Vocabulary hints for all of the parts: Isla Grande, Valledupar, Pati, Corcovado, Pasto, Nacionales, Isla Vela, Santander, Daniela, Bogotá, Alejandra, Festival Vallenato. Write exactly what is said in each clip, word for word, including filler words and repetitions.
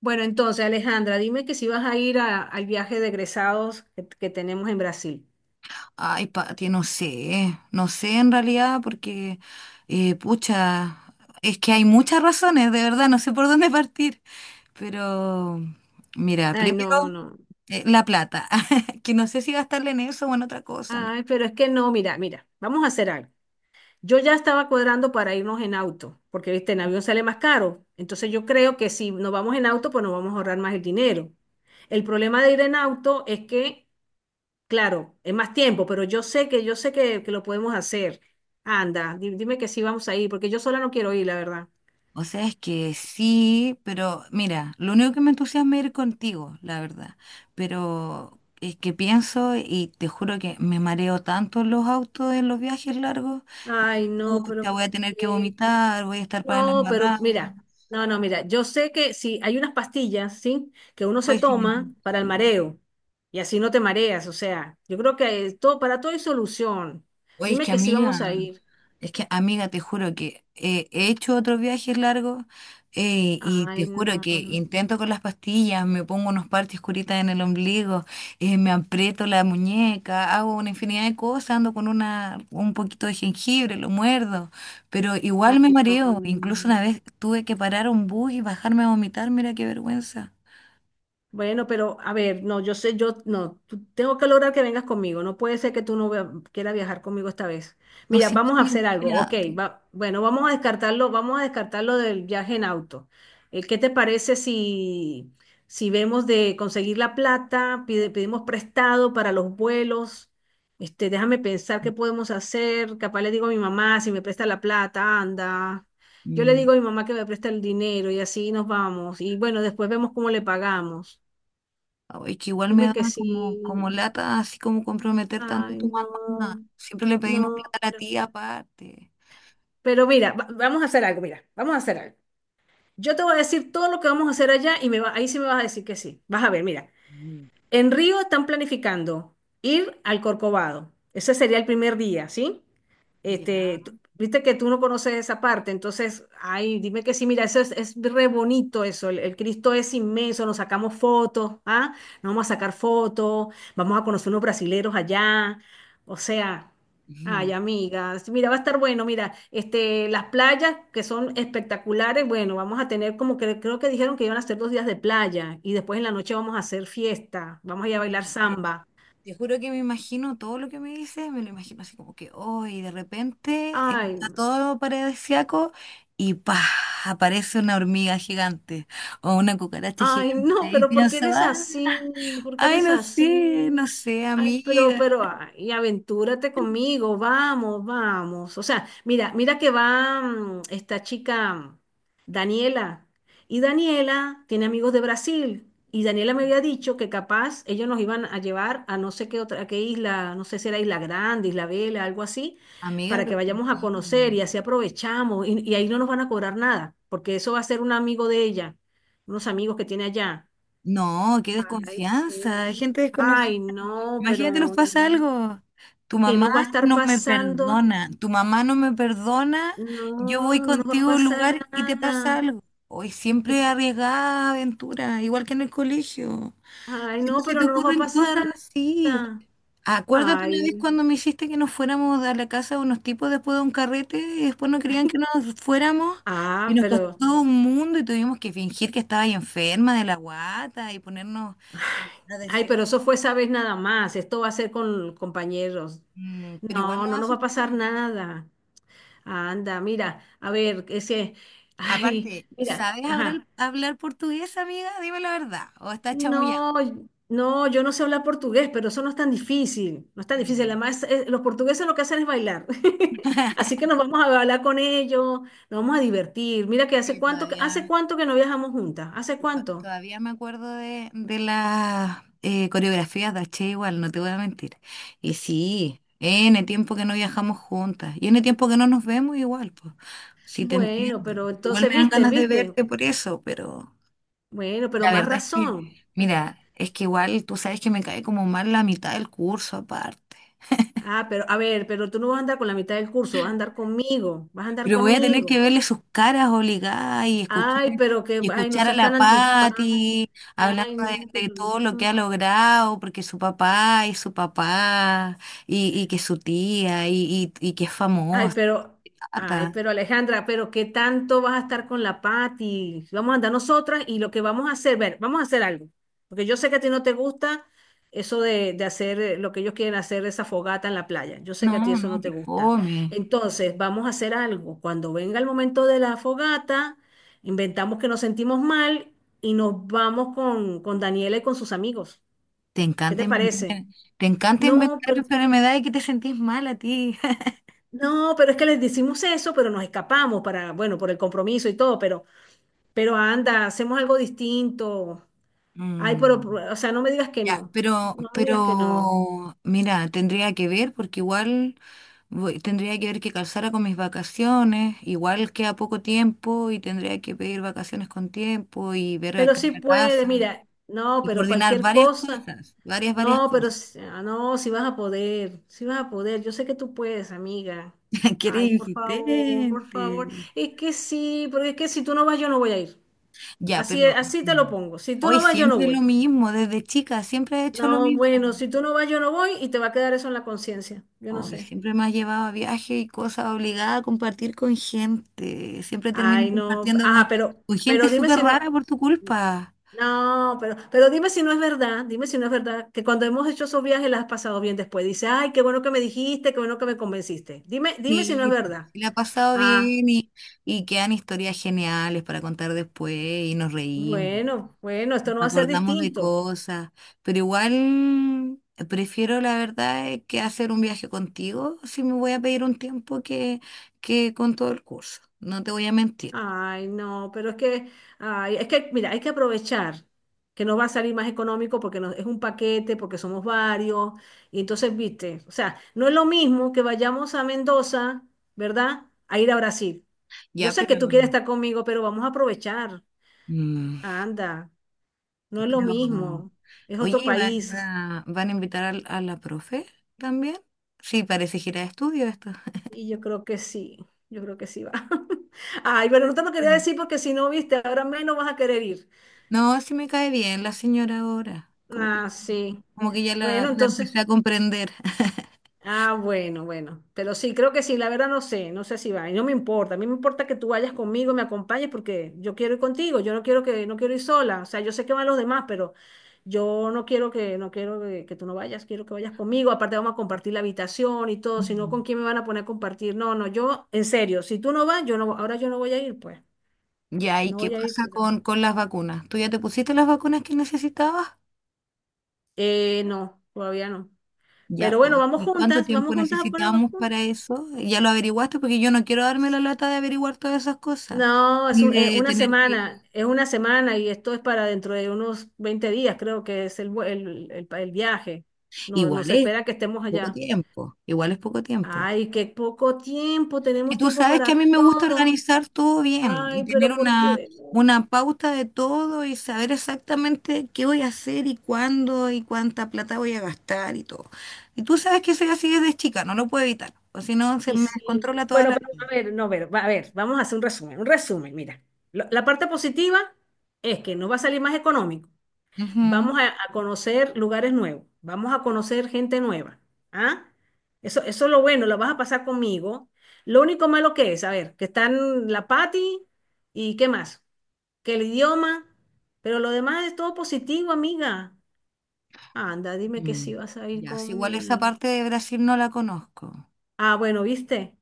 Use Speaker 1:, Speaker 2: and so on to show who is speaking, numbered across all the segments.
Speaker 1: Bueno, entonces, Alejandra, dime que si vas a ir a- al viaje de egresados que, que tenemos en Brasil.
Speaker 2: Ay, Pati, no sé, no sé en realidad porque eh, pucha, es que hay muchas razones, de verdad, no sé por dónde partir, pero mira,
Speaker 1: Ay,
Speaker 2: primero,
Speaker 1: no, no.
Speaker 2: eh, la plata, que no sé si gastarla en eso o en otra cosa, ¿no?
Speaker 1: Ay, pero es que no, mira, mira, vamos a hacer algo. Yo ya estaba cuadrando para irnos en auto, porque, viste, en avión sale más caro. Entonces yo creo que si nos vamos en auto, pues nos vamos a ahorrar más el dinero. El problema de ir en auto es que, claro, es más tiempo, pero yo sé que, yo sé que, que lo podemos hacer. Anda, di- dime que sí vamos a ir, porque yo sola no quiero ir, la verdad.
Speaker 2: O sea, es que sí, pero mira, lo único que me entusiasma es ir contigo, la verdad, pero es que pienso y te juro que me mareo tanto en los autos, en los viajes largos.
Speaker 1: Ay, no, ¿pero
Speaker 2: Pucha,
Speaker 1: por
Speaker 2: voy a tener que
Speaker 1: qué?
Speaker 2: vomitar, voy a estar para las
Speaker 1: No, pero
Speaker 2: marradas.
Speaker 1: mira, no, no, mira, yo sé que sí, hay unas pastillas, ¿sí? Que uno se
Speaker 2: Hoy sí lo
Speaker 1: toma
Speaker 2: intenté.
Speaker 1: para el mareo y así no te mareas, o sea, yo creo que eh, todo, para todo hay solución.
Speaker 2: Oye, es
Speaker 1: Dime
Speaker 2: que
Speaker 1: que sí
Speaker 2: amiga,
Speaker 1: vamos a ir.
Speaker 2: es que amiga, te juro que eh, he hecho otros viajes largos, eh, y te
Speaker 1: Ay, no,
Speaker 2: juro que
Speaker 1: pero-
Speaker 2: intento con las pastillas, me pongo unos parches curitas en el ombligo, eh, me aprieto la muñeca, hago una infinidad de cosas, ando con una, un poquito de jengibre, lo muerdo, pero
Speaker 1: ay,
Speaker 2: igual me
Speaker 1: no. No,
Speaker 2: mareo. Incluso
Speaker 1: no.
Speaker 2: una vez tuve que parar un bus y bajarme a vomitar, mira qué vergüenza.
Speaker 1: Bueno, pero a ver, no, yo sé, yo no, tú- tengo que lograr que vengas conmigo. No puede ser que tú no vea- quieras viajar conmigo esta vez.
Speaker 2: No
Speaker 1: Mira,
Speaker 2: sé, no
Speaker 1: vamos a
Speaker 2: tiene-
Speaker 1: hacer algo, ok. Va, bueno, vamos a descartarlo, vamos a descartarlo del viaje en auto. Eh, ¿qué te parece si, si vemos de conseguir la plata, pide- pedimos prestado para los vuelos? Este, déjame pensar qué podemos hacer. Capaz le digo a mi mamá si me presta la plata, anda. Yo le
Speaker 2: Mm.
Speaker 1: digo a mi mamá que me presta el dinero y así nos vamos. Y bueno, después vemos cómo le pagamos.
Speaker 2: Ay, que igual me
Speaker 1: Dime
Speaker 2: da
Speaker 1: que sí.
Speaker 2: como, como lata, así como comprometer tanto a
Speaker 1: Ay,
Speaker 2: tu
Speaker 1: no,
Speaker 2: mamá. Siempre le pedimos
Speaker 1: no,
Speaker 2: plata a la
Speaker 1: pero,
Speaker 2: tía aparte.
Speaker 1: pero mira, va- vamos a hacer algo, mira, vamos a hacer algo. Yo te voy a decir todo lo que vamos a hacer allá y me va, ahí sí me vas a decir que sí. Vas a ver, mira,
Speaker 2: Mm.
Speaker 1: en Río están planificando ir al Corcovado. Ese sería el primer día, ¿sí?
Speaker 2: Ya.
Speaker 1: Este, tú- viste que tú no conoces esa parte, entonces, ay, dime que sí, mira, eso es, es re bonito eso, el, el Cristo es inmenso, nos sacamos fotos, ¿ah? Nos vamos a sacar fotos, vamos a conocer unos brasileros allá, o sea,
Speaker 2: Ujú.
Speaker 1: ay, amigas, mira, va a estar bueno, mira, este, las playas que son espectaculares, bueno, vamos a tener como que creo que dijeron que iban a hacer dos días de playa y después en la noche vamos a hacer fiesta, vamos a ir a
Speaker 2: Oye,
Speaker 1: bailar
Speaker 2: mira, te,
Speaker 1: samba.
Speaker 2: te juro que me imagino todo lo que me dices, me lo imagino así como que hoy de repente eh, está
Speaker 1: Ay,
Speaker 2: todo paradisíaco y pa, aparece una hormiga gigante o una cucaracha
Speaker 1: ay,
Speaker 2: gigante
Speaker 1: no,
Speaker 2: y
Speaker 1: ¿pero porque
Speaker 2: pienso,
Speaker 1: eres
Speaker 2: ah,
Speaker 1: así? ¿Porque
Speaker 2: ay,
Speaker 1: eres
Speaker 2: no
Speaker 1: así?
Speaker 2: sé, no sé,
Speaker 1: Ay, pero,
Speaker 2: amiga.
Speaker 1: pero, ay, aventúrate conmigo, vamos, vamos. O sea, mira, mira que va mm, esta chica, Daniela, y Daniela tiene amigos de Brasil, y Daniela me había dicho que capaz ellos nos iban a llevar a no sé qué otra, a qué isla, no sé si era Isla Grande, Isla Vela, algo así,
Speaker 2: Amiga,
Speaker 1: para que
Speaker 2: pero qué
Speaker 1: vayamos a conocer
Speaker 2: miedo.
Speaker 1: y así aprovechamos, y, y ahí no nos van a cobrar nada, porque eso va a ser un amigo de ella unos amigos que tiene allá.
Speaker 2: No, qué
Speaker 1: Ay, sí.
Speaker 2: desconfianza, hay gente desconocida.
Speaker 1: Ay, no,
Speaker 2: Imagínate, nos
Speaker 1: pero
Speaker 2: pasa
Speaker 1: no.
Speaker 2: algo. Tu
Speaker 1: ¿Qué
Speaker 2: mamá
Speaker 1: nos va a estar
Speaker 2: no me
Speaker 1: pasando?
Speaker 2: perdona, tu mamá no me perdona,
Speaker 1: No,
Speaker 2: yo voy
Speaker 1: no nos va a
Speaker 2: contigo a un
Speaker 1: pasar
Speaker 2: lugar y te pasa
Speaker 1: nada.
Speaker 2: algo. Hoy
Speaker 1: Eh,
Speaker 2: siempre arriesgada aventura, igual que en el colegio.
Speaker 1: Ay,
Speaker 2: Siempre
Speaker 1: no,
Speaker 2: se
Speaker 1: pero
Speaker 2: te
Speaker 1: no nos va a
Speaker 2: ocurren
Speaker 1: pasar
Speaker 2: cosas así.
Speaker 1: nada.
Speaker 2: Acuérdate una
Speaker 1: Ay,
Speaker 2: vez cuando me hiciste que nos fuéramos a la casa de unos tipos después de un carrete y después no querían que nos fuéramos y
Speaker 1: ah,
Speaker 2: nos
Speaker 1: pero,
Speaker 2: costó un mundo y tuvimos que fingir que estaba ahí enferma de la guata y ponernos a
Speaker 1: ay,
Speaker 2: decir,
Speaker 1: pero eso fue esa vez nada más. Esto va a ser con compañeros.
Speaker 2: mm, pero igual
Speaker 1: No,
Speaker 2: nos
Speaker 1: no nos va a pasar
Speaker 2: asustamos.
Speaker 1: nada. Anda, mira, a ver, ese, ay,
Speaker 2: Aparte,
Speaker 1: mira,
Speaker 2: ¿sabes
Speaker 1: ajá.
Speaker 2: hablar, hablar portugués, amiga? Dime la verdad. ¿O estás chamullando?
Speaker 1: No, no, yo no sé hablar portugués, pero eso no es tan difícil, no es tan difícil.
Speaker 2: Mm.
Speaker 1: Además, eh, los portugueses lo que hacen es bailar. Así que nos vamos a bailar con ellos, nos vamos a divertir. Mira que hace
Speaker 2: Oye,
Speaker 1: cuánto, que- hace
Speaker 2: todavía
Speaker 1: cuánto que no viajamos juntas, ¿hace cuánto?
Speaker 2: Todavía me acuerdo de, de las eh, coreografías de hache igual, no te voy a mentir. Y sí, ene tiempo que no viajamos juntas. Y ene tiempo que no nos vemos igual, pues. Sí te
Speaker 1: Bueno,
Speaker 2: entiendo.
Speaker 1: pero
Speaker 2: Igual
Speaker 1: entonces,
Speaker 2: me dan
Speaker 1: viste,
Speaker 2: ganas de
Speaker 1: viste,
Speaker 2: verte por eso, pero
Speaker 1: bueno, pero
Speaker 2: la
Speaker 1: más
Speaker 2: verdad es que,
Speaker 1: razón. Pues,
Speaker 2: mira, es que igual tú sabes que me cae como mal la mitad del curso aparte.
Speaker 1: ah, pero a ver, pero tú no vas a andar con la mitad del curso, vas a andar conmigo, vas a andar
Speaker 2: Pero voy a tener que
Speaker 1: conmigo.
Speaker 2: verle sus caras obligadas y escuchar,
Speaker 1: Ay, pero que,
Speaker 2: y
Speaker 1: ay, no
Speaker 2: escuchar a
Speaker 1: seas tan
Speaker 2: la
Speaker 1: antipático.
Speaker 2: Patti hablando
Speaker 1: Ay, no,
Speaker 2: de, de
Speaker 1: pero
Speaker 2: todo lo que
Speaker 1: no.
Speaker 2: ha logrado, porque su papá y su papá, y, y que su tía, y, y, y que es
Speaker 1: Ay,
Speaker 2: famosa.
Speaker 1: pero, ay,
Speaker 2: Tata.
Speaker 1: pero Alejandra, pero ¿qué tanto vas a estar con la Pati? Vamos a andar nosotras y lo que vamos a hacer, ver, vamos a hacer algo. Porque yo sé que a ti no te gusta eso de, de hacer eh, lo que ellos quieren hacer, esa fogata en la playa. Yo sé que a ti
Speaker 2: No,
Speaker 1: eso
Speaker 2: no,
Speaker 1: no te
Speaker 2: que
Speaker 1: gusta.
Speaker 2: fome.
Speaker 1: Entonces, vamos a hacer algo. Cuando venga el momento de la fogata, inventamos que nos sentimos mal y nos vamos con, con Daniela y con sus amigos.
Speaker 2: Te
Speaker 1: ¿Qué
Speaker 2: encanta
Speaker 1: te parece?
Speaker 2: inventar, te encanta
Speaker 1: No,
Speaker 2: inventar
Speaker 1: pero...
Speaker 2: enfermedades que te sentís mal a ti.
Speaker 1: No, pero es que les decimos eso, pero nos escapamos para, bueno, por el compromiso y todo, pero, pero, anda, hacemos algo distinto. Ay, pero,
Speaker 2: Mm.
Speaker 1: o sea, no me digas que
Speaker 2: Ya,
Speaker 1: no,
Speaker 2: pero,
Speaker 1: no me digas que no.
Speaker 2: pero, mira, tendría que ver porque igual voy- tendría que ver que calzara con mis vacaciones, igual queda poco tiempo y tendría que pedir vacaciones con tiempo y ver
Speaker 1: Pero
Speaker 2: acá en
Speaker 1: sí
Speaker 2: la
Speaker 1: puede,
Speaker 2: casa
Speaker 1: mira, no,
Speaker 2: y
Speaker 1: pero
Speaker 2: coordinar
Speaker 1: cualquier
Speaker 2: varias
Speaker 1: cosa,
Speaker 2: cosas, varias, varias
Speaker 1: no, pero,
Speaker 2: cosas.
Speaker 1: s- ah, no, si vas a poder, si vas a poder, yo sé que tú puedes, amiga.
Speaker 2: Que
Speaker 1: Ay,
Speaker 2: eres
Speaker 1: por favor, por favor.
Speaker 2: insistente.
Speaker 1: Es que sí, porque es que si tú no vas, yo no voy a ir.
Speaker 2: Ya,
Speaker 1: Así,
Speaker 2: pero
Speaker 1: así te lo pongo. Si tú
Speaker 2: hoy
Speaker 1: no vas, yo no
Speaker 2: siempre es lo
Speaker 1: voy.
Speaker 2: mismo, desde chica siempre he hecho lo
Speaker 1: No,
Speaker 2: mismo.
Speaker 1: bueno, si tú no vas, yo no voy y te va a quedar eso en la conciencia. Yo no
Speaker 2: Uy,
Speaker 1: sé.
Speaker 2: siempre me has llevado a viajes y cosas obligada a compartir con gente. Siempre termino
Speaker 1: Ay, no.
Speaker 2: compartiendo con,
Speaker 1: Ah, pero,
Speaker 2: con gente
Speaker 1: pero dime
Speaker 2: súper
Speaker 1: si no.
Speaker 2: rara por tu culpa.
Speaker 1: No, pero, pero dime si no es verdad. Dime si no es verdad que cuando hemos hecho esos viajes las has pasado bien después. Dice, ay, qué bueno que me dijiste, qué bueno que me convenciste. Dime, dime si no es
Speaker 2: Sí,
Speaker 1: verdad.
Speaker 2: sí, la ha pasado
Speaker 1: Ah,
Speaker 2: bien y, y quedan historias geniales para contar después y nos reímos,
Speaker 1: bueno, bueno,
Speaker 2: nos
Speaker 1: esto no va a ser
Speaker 2: acordamos de
Speaker 1: distinto.
Speaker 2: cosas, pero igual eh, prefiero la verdad eh, que hacer un viaje contigo si me voy a pedir un tiempo que, que con todo el curso, no te voy a mentir.
Speaker 1: Ay, no, pero es que, ay, es que, mira, hay que aprovechar que nos va a salir más económico porque nos- es un paquete, porque somos varios. Y entonces, viste, o sea, no es lo mismo que vayamos a Mendoza, ¿verdad? A ir a Brasil. Yo
Speaker 2: Ya,
Speaker 1: sé
Speaker 2: pero...
Speaker 1: que tú quieres estar conmigo, pero vamos a aprovechar.
Speaker 2: mm,
Speaker 1: Anda, no es lo
Speaker 2: pero,
Speaker 1: mismo, es
Speaker 2: oye,
Speaker 1: otro
Speaker 2: ¿y va-
Speaker 1: país.
Speaker 2: va- ¿van a invitar al- a la profe también? Sí, parece gira de estudio esto.
Speaker 1: Y yo creo que sí, yo creo que sí va. Ay, bueno, no te lo quería
Speaker 2: Mm.
Speaker 1: decir porque si no, viste, ahora menos vas a querer ir.
Speaker 2: No, sí me cae bien la señora ahora. Como que,
Speaker 1: Ah, sí.
Speaker 2: como que ya la,
Speaker 1: Bueno,
Speaker 2: la
Speaker 1: entonces.
Speaker 2: empecé a comprender.
Speaker 1: Ah, bueno, bueno, pero sí, creo que sí, la verdad no sé, no sé si va, y no me importa, a mí me importa que tú vayas conmigo, me acompañes porque yo quiero ir contigo, yo no quiero que, no quiero ir sola, o sea, yo sé que van los demás, pero yo no quiero que, no quiero que, que tú no vayas, quiero que vayas conmigo, aparte vamos a compartir la habitación y todo, si no,
Speaker 2: Mm.
Speaker 1: ¿con quién me van a poner a compartir? No, no, yo, en serio, si tú no vas, yo no, ahora yo no voy a ir, pues,
Speaker 2: Ya, ¿y
Speaker 1: no
Speaker 2: qué
Speaker 1: voy a ir
Speaker 2: pasa
Speaker 1: si tú no vas.
Speaker 2: con, con las vacunas? ¿Tú ya te pusiste las vacunas que necesitabas?
Speaker 1: Eh, no, todavía no,
Speaker 2: Ya,
Speaker 1: pero bueno,
Speaker 2: pues.
Speaker 1: vamos
Speaker 2: ¿Y cuánto
Speaker 1: juntas,
Speaker 2: tiempo
Speaker 1: vamos juntas a poner
Speaker 2: necesitamos
Speaker 1: vacunas.
Speaker 2: para eso? ¿Ya lo averiguaste? Porque yo no quiero darme la lata de averiguar todas esas cosas.
Speaker 1: No, es
Speaker 2: Ni
Speaker 1: un- eh,
Speaker 2: de
Speaker 1: una
Speaker 2: tener que...
Speaker 1: semana, es una semana y esto es para dentro de unos veinte días, creo que es el, vue- el, el pa- el viaje. No,
Speaker 2: Igual
Speaker 1: nos
Speaker 2: es
Speaker 1: espera que estemos
Speaker 2: poco
Speaker 1: allá.
Speaker 2: tiempo. Igual es poco tiempo.
Speaker 1: Ay, qué poco tiempo,
Speaker 2: Y
Speaker 1: tenemos
Speaker 2: tú
Speaker 1: tiempo
Speaker 2: sabes que a
Speaker 1: para
Speaker 2: mí me gusta
Speaker 1: todo.
Speaker 2: organizar todo bien y
Speaker 1: Ay,
Speaker 2: tener
Speaker 1: pero ¿por
Speaker 2: una,
Speaker 1: qué? ¿No?
Speaker 2: una pauta de todo y saber exactamente qué voy a hacer y cuándo y cuánta plata voy a gastar y todo. Y tú sabes que soy así desde chica, no lo puedo evitar, o si no se
Speaker 1: Y
Speaker 2: me
Speaker 1: sí,
Speaker 2: descontrola toda
Speaker 1: bueno,
Speaker 2: la
Speaker 1: pero
Speaker 2: vida.
Speaker 1: a ver, no, a ver, va- a ver, vamos a hacer un resumen, un resumen, mira. Lo- la parte positiva es que nos va a salir más económico.
Speaker 2: Ujú.
Speaker 1: Vamos a, a conocer lugares nuevos, vamos a conocer gente nueva. ¿Ah? Eso, eso es lo bueno, la vas a pasar conmigo. Lo único malo que es, a ver, que están la Pati y qué más, que el idioma, pero lo demás es todo positivo, amiga. Anda, dime que
Speaker 2: Mm.
Speaker 1: sí vas a ir
Speaker 2: Ya, si igual esa
Speaker 1: conmigo.
Speaker 2: parte de Brasil no la conozco,
Speaker 1: Ah, bueno, viste,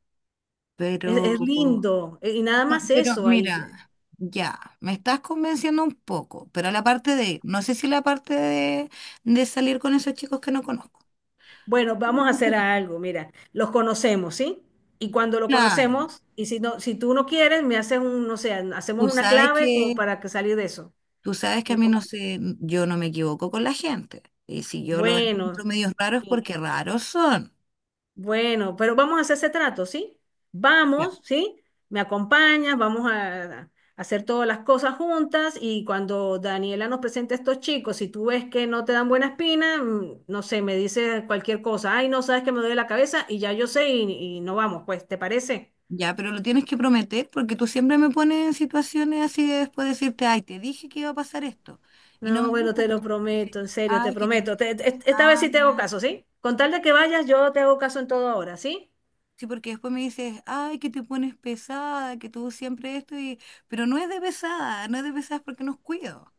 Speaker 1: es, es
Speaker 2: pero,
Speaker 1: lindo. E- Y nada
Speaker 2: no,
Speaker 1: más
Speaker 2: pero
Speaker 1: eso ahí.
Speaker 2: mira, ya, me estás convenciendo un poco, pero la parte de, no sé si la parte de de salir con esos chicos que no conozco.
Speaker 1: Bueno, vamos a hacer algo, mira, los conocemos, ¿sí? Y cuando lo
Speaker 2: Claro,
Speaker 1: conocemos, y si no, si tú no quieres, me haces un, no sé,
Speaker 2: tú
Speaker 1: hacemos una
Speaker 2: sabes
Speaker 1: clave como
Speaker 2: que,
Speaker 1: para que salir de eso.
Speaker 2: tú sabes que
Speaker 1: Y
Speaker 2: a mí
Speaker 1: no,
Speaker 2: no sé, yo no me equivoco con la gente. Y si yo lo encuentro
Speaker 1: bueno,
Speaker 2: medios raros,
Speaker 1: sí,
Speaker 2: porque raros son.
Speaker 1: bueno, pero vamos a hacer ese trato, ¿sí?
Speaker 2: Ya,
Speaker 1: Vamos, ¿sí? Me acompañas, vamos a, a hacer todas las cosas juntas y cuando Daniela nos presente a estos chicos, si tú ves que no te dan buena espina, mm, no sé, me dices cualquier cosa, ay, no sabes que me duele la cabeza y ya yo sé y, y no vamos, pues, ¿te parece?
Speaker 2: ya, pero lo tienes que prometer porque tú siempre me pones en situaciones así de después decirte, ay, te dije que iba a pasar esto. Y no
Speaker 1: No,
Speaker 2: me
Speaker 1: bueno,
Speaker 2: gusta
Speaker 1: te lo
Speaker 2: porque dices,
Speaker 1: prometo, en serio, te
Speaker 2: ay, que te pones
Speaker 1: prometo. Te- te- esta vez sí te hago
Speaker 2: pesada.
Speaker 1: caso, ¿sí? Con tal de que vayas, yo te hago caso en todo ahora, ¿sí?
Speaker 2: Sí, porque después me dices, ay, que te pones pesada, que tú siempre esto y... Pero no es de pesada, no es de pesada, es porque nos cuido.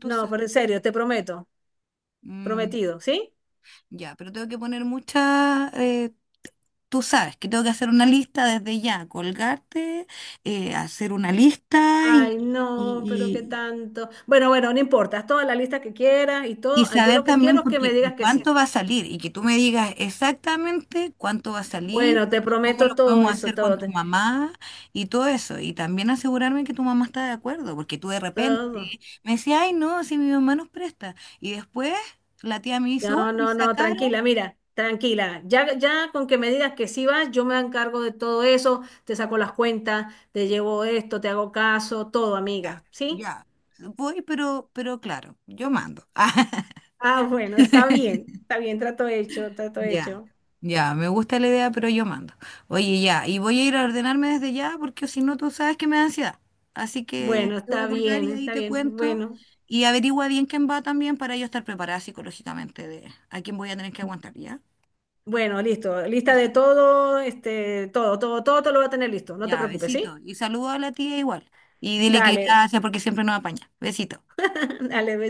Speaker 2: Tú
Speaker 1: No, pero
Speaker 2: sabes.
Speaker 1: en serio, te prometo. Prometido, ¿sí?
Speaker 2: Ya, pero tengo que poner mucha... eh, tú sabes que tengo que hacer una lista desde ya, colgarte, eh, hacer una lista y,
Speaker 1: Ay, no, pero qué
Speaker 2: y, y-
Speaker 1: tanto. Bueno, bueno, no importa, haz toda la lista que quieras y
Speaker 2: y
Speaker 1: todo. Ah, yo
Speaker 2: saber
Speaker 1: lo que
Speaker 2: también
Speaker 1: quiero es que
Speaker 2: porque,
Speaker 1: me
Speaker 2: y
Speaker 1: digas que
Speaker 2: cuánto
Speaker 1: sí.
Speaker 2: va a salir y que tú me digas exactamente cuánto va a salir
Speaker 1: Bueno, te
Speaker 2: y cómo lo
Speaker 1: prometo todo
Speaker 2: podemos
Speaker 1: eso,
Speaker 2: hacer con
Speaker 1: todo,
Speaker 2: tu
Speaker 1: te-
Speaker 2: mamá y todo eso. Y también asegurarme que tu mamá está de acuerdo, porque tú de repente
Speaker 1: todo.
Speaker 2: me decías, ay, no, si mi mamá nos presta. Y después la tía me dice, uy,
Speaker 1: No,
Speaker 2: me
Speaker 1: no, no,
Speaker 2: sacaron.
Speaker 1: tranquila, mira, tranquila. Ya, ya con que me digas que sí vas, yo me encargo de todo eso, te saco las cuentas, te llevo esto, te hago caso, todo,
Speaker 2: Ya,
Speaker 1: amiga, ¿sí?
Speaker 2: ya. Voy, pero, pero claro, yo mando.
Speaker 1: Ah, bueno, está bien, está bien, trato hecho, trato
Speaker 2: Ya,
Speaker 1: hecho.
Speaker 2: ya, me gusta la idea, pero yo mando. Oye, ya, y voy a ir a ordenarme desde ya porque si no, tú sabes que me da ansiedad. Así que
Speaker 1: Bueno,
Speaker 2: te voy
Speaker 1: está
Speaker 2: a colgar
Speaker 1: bien,
Speaker 2: y ahí
Speaker 1: está
Speaker 2: te
Speaker 1: bien,
Speaker 2: cuento.
Speaker 1: bueno,
Speaker 2: Y averigua bien quién va también para yo estar preparada psicológicamente de a quién voy a tener que aguantar, ¿ya?
Speaker 1: bueno, listo, lista
Speaker 2: Eso,
Speaker 1: de todo, este, todo, todo, todo todo lo voy a tener listo, no te
Speaker 2: ya,
Speaker 1: preocupes, ¿sí?
Speaker 2: besito. Y saludo a la tía igual. Y dile que
Speaker 1: Dale,
Speaker 2: gracias porque siempre nos apaña. Besito.
Speaker 1: dale.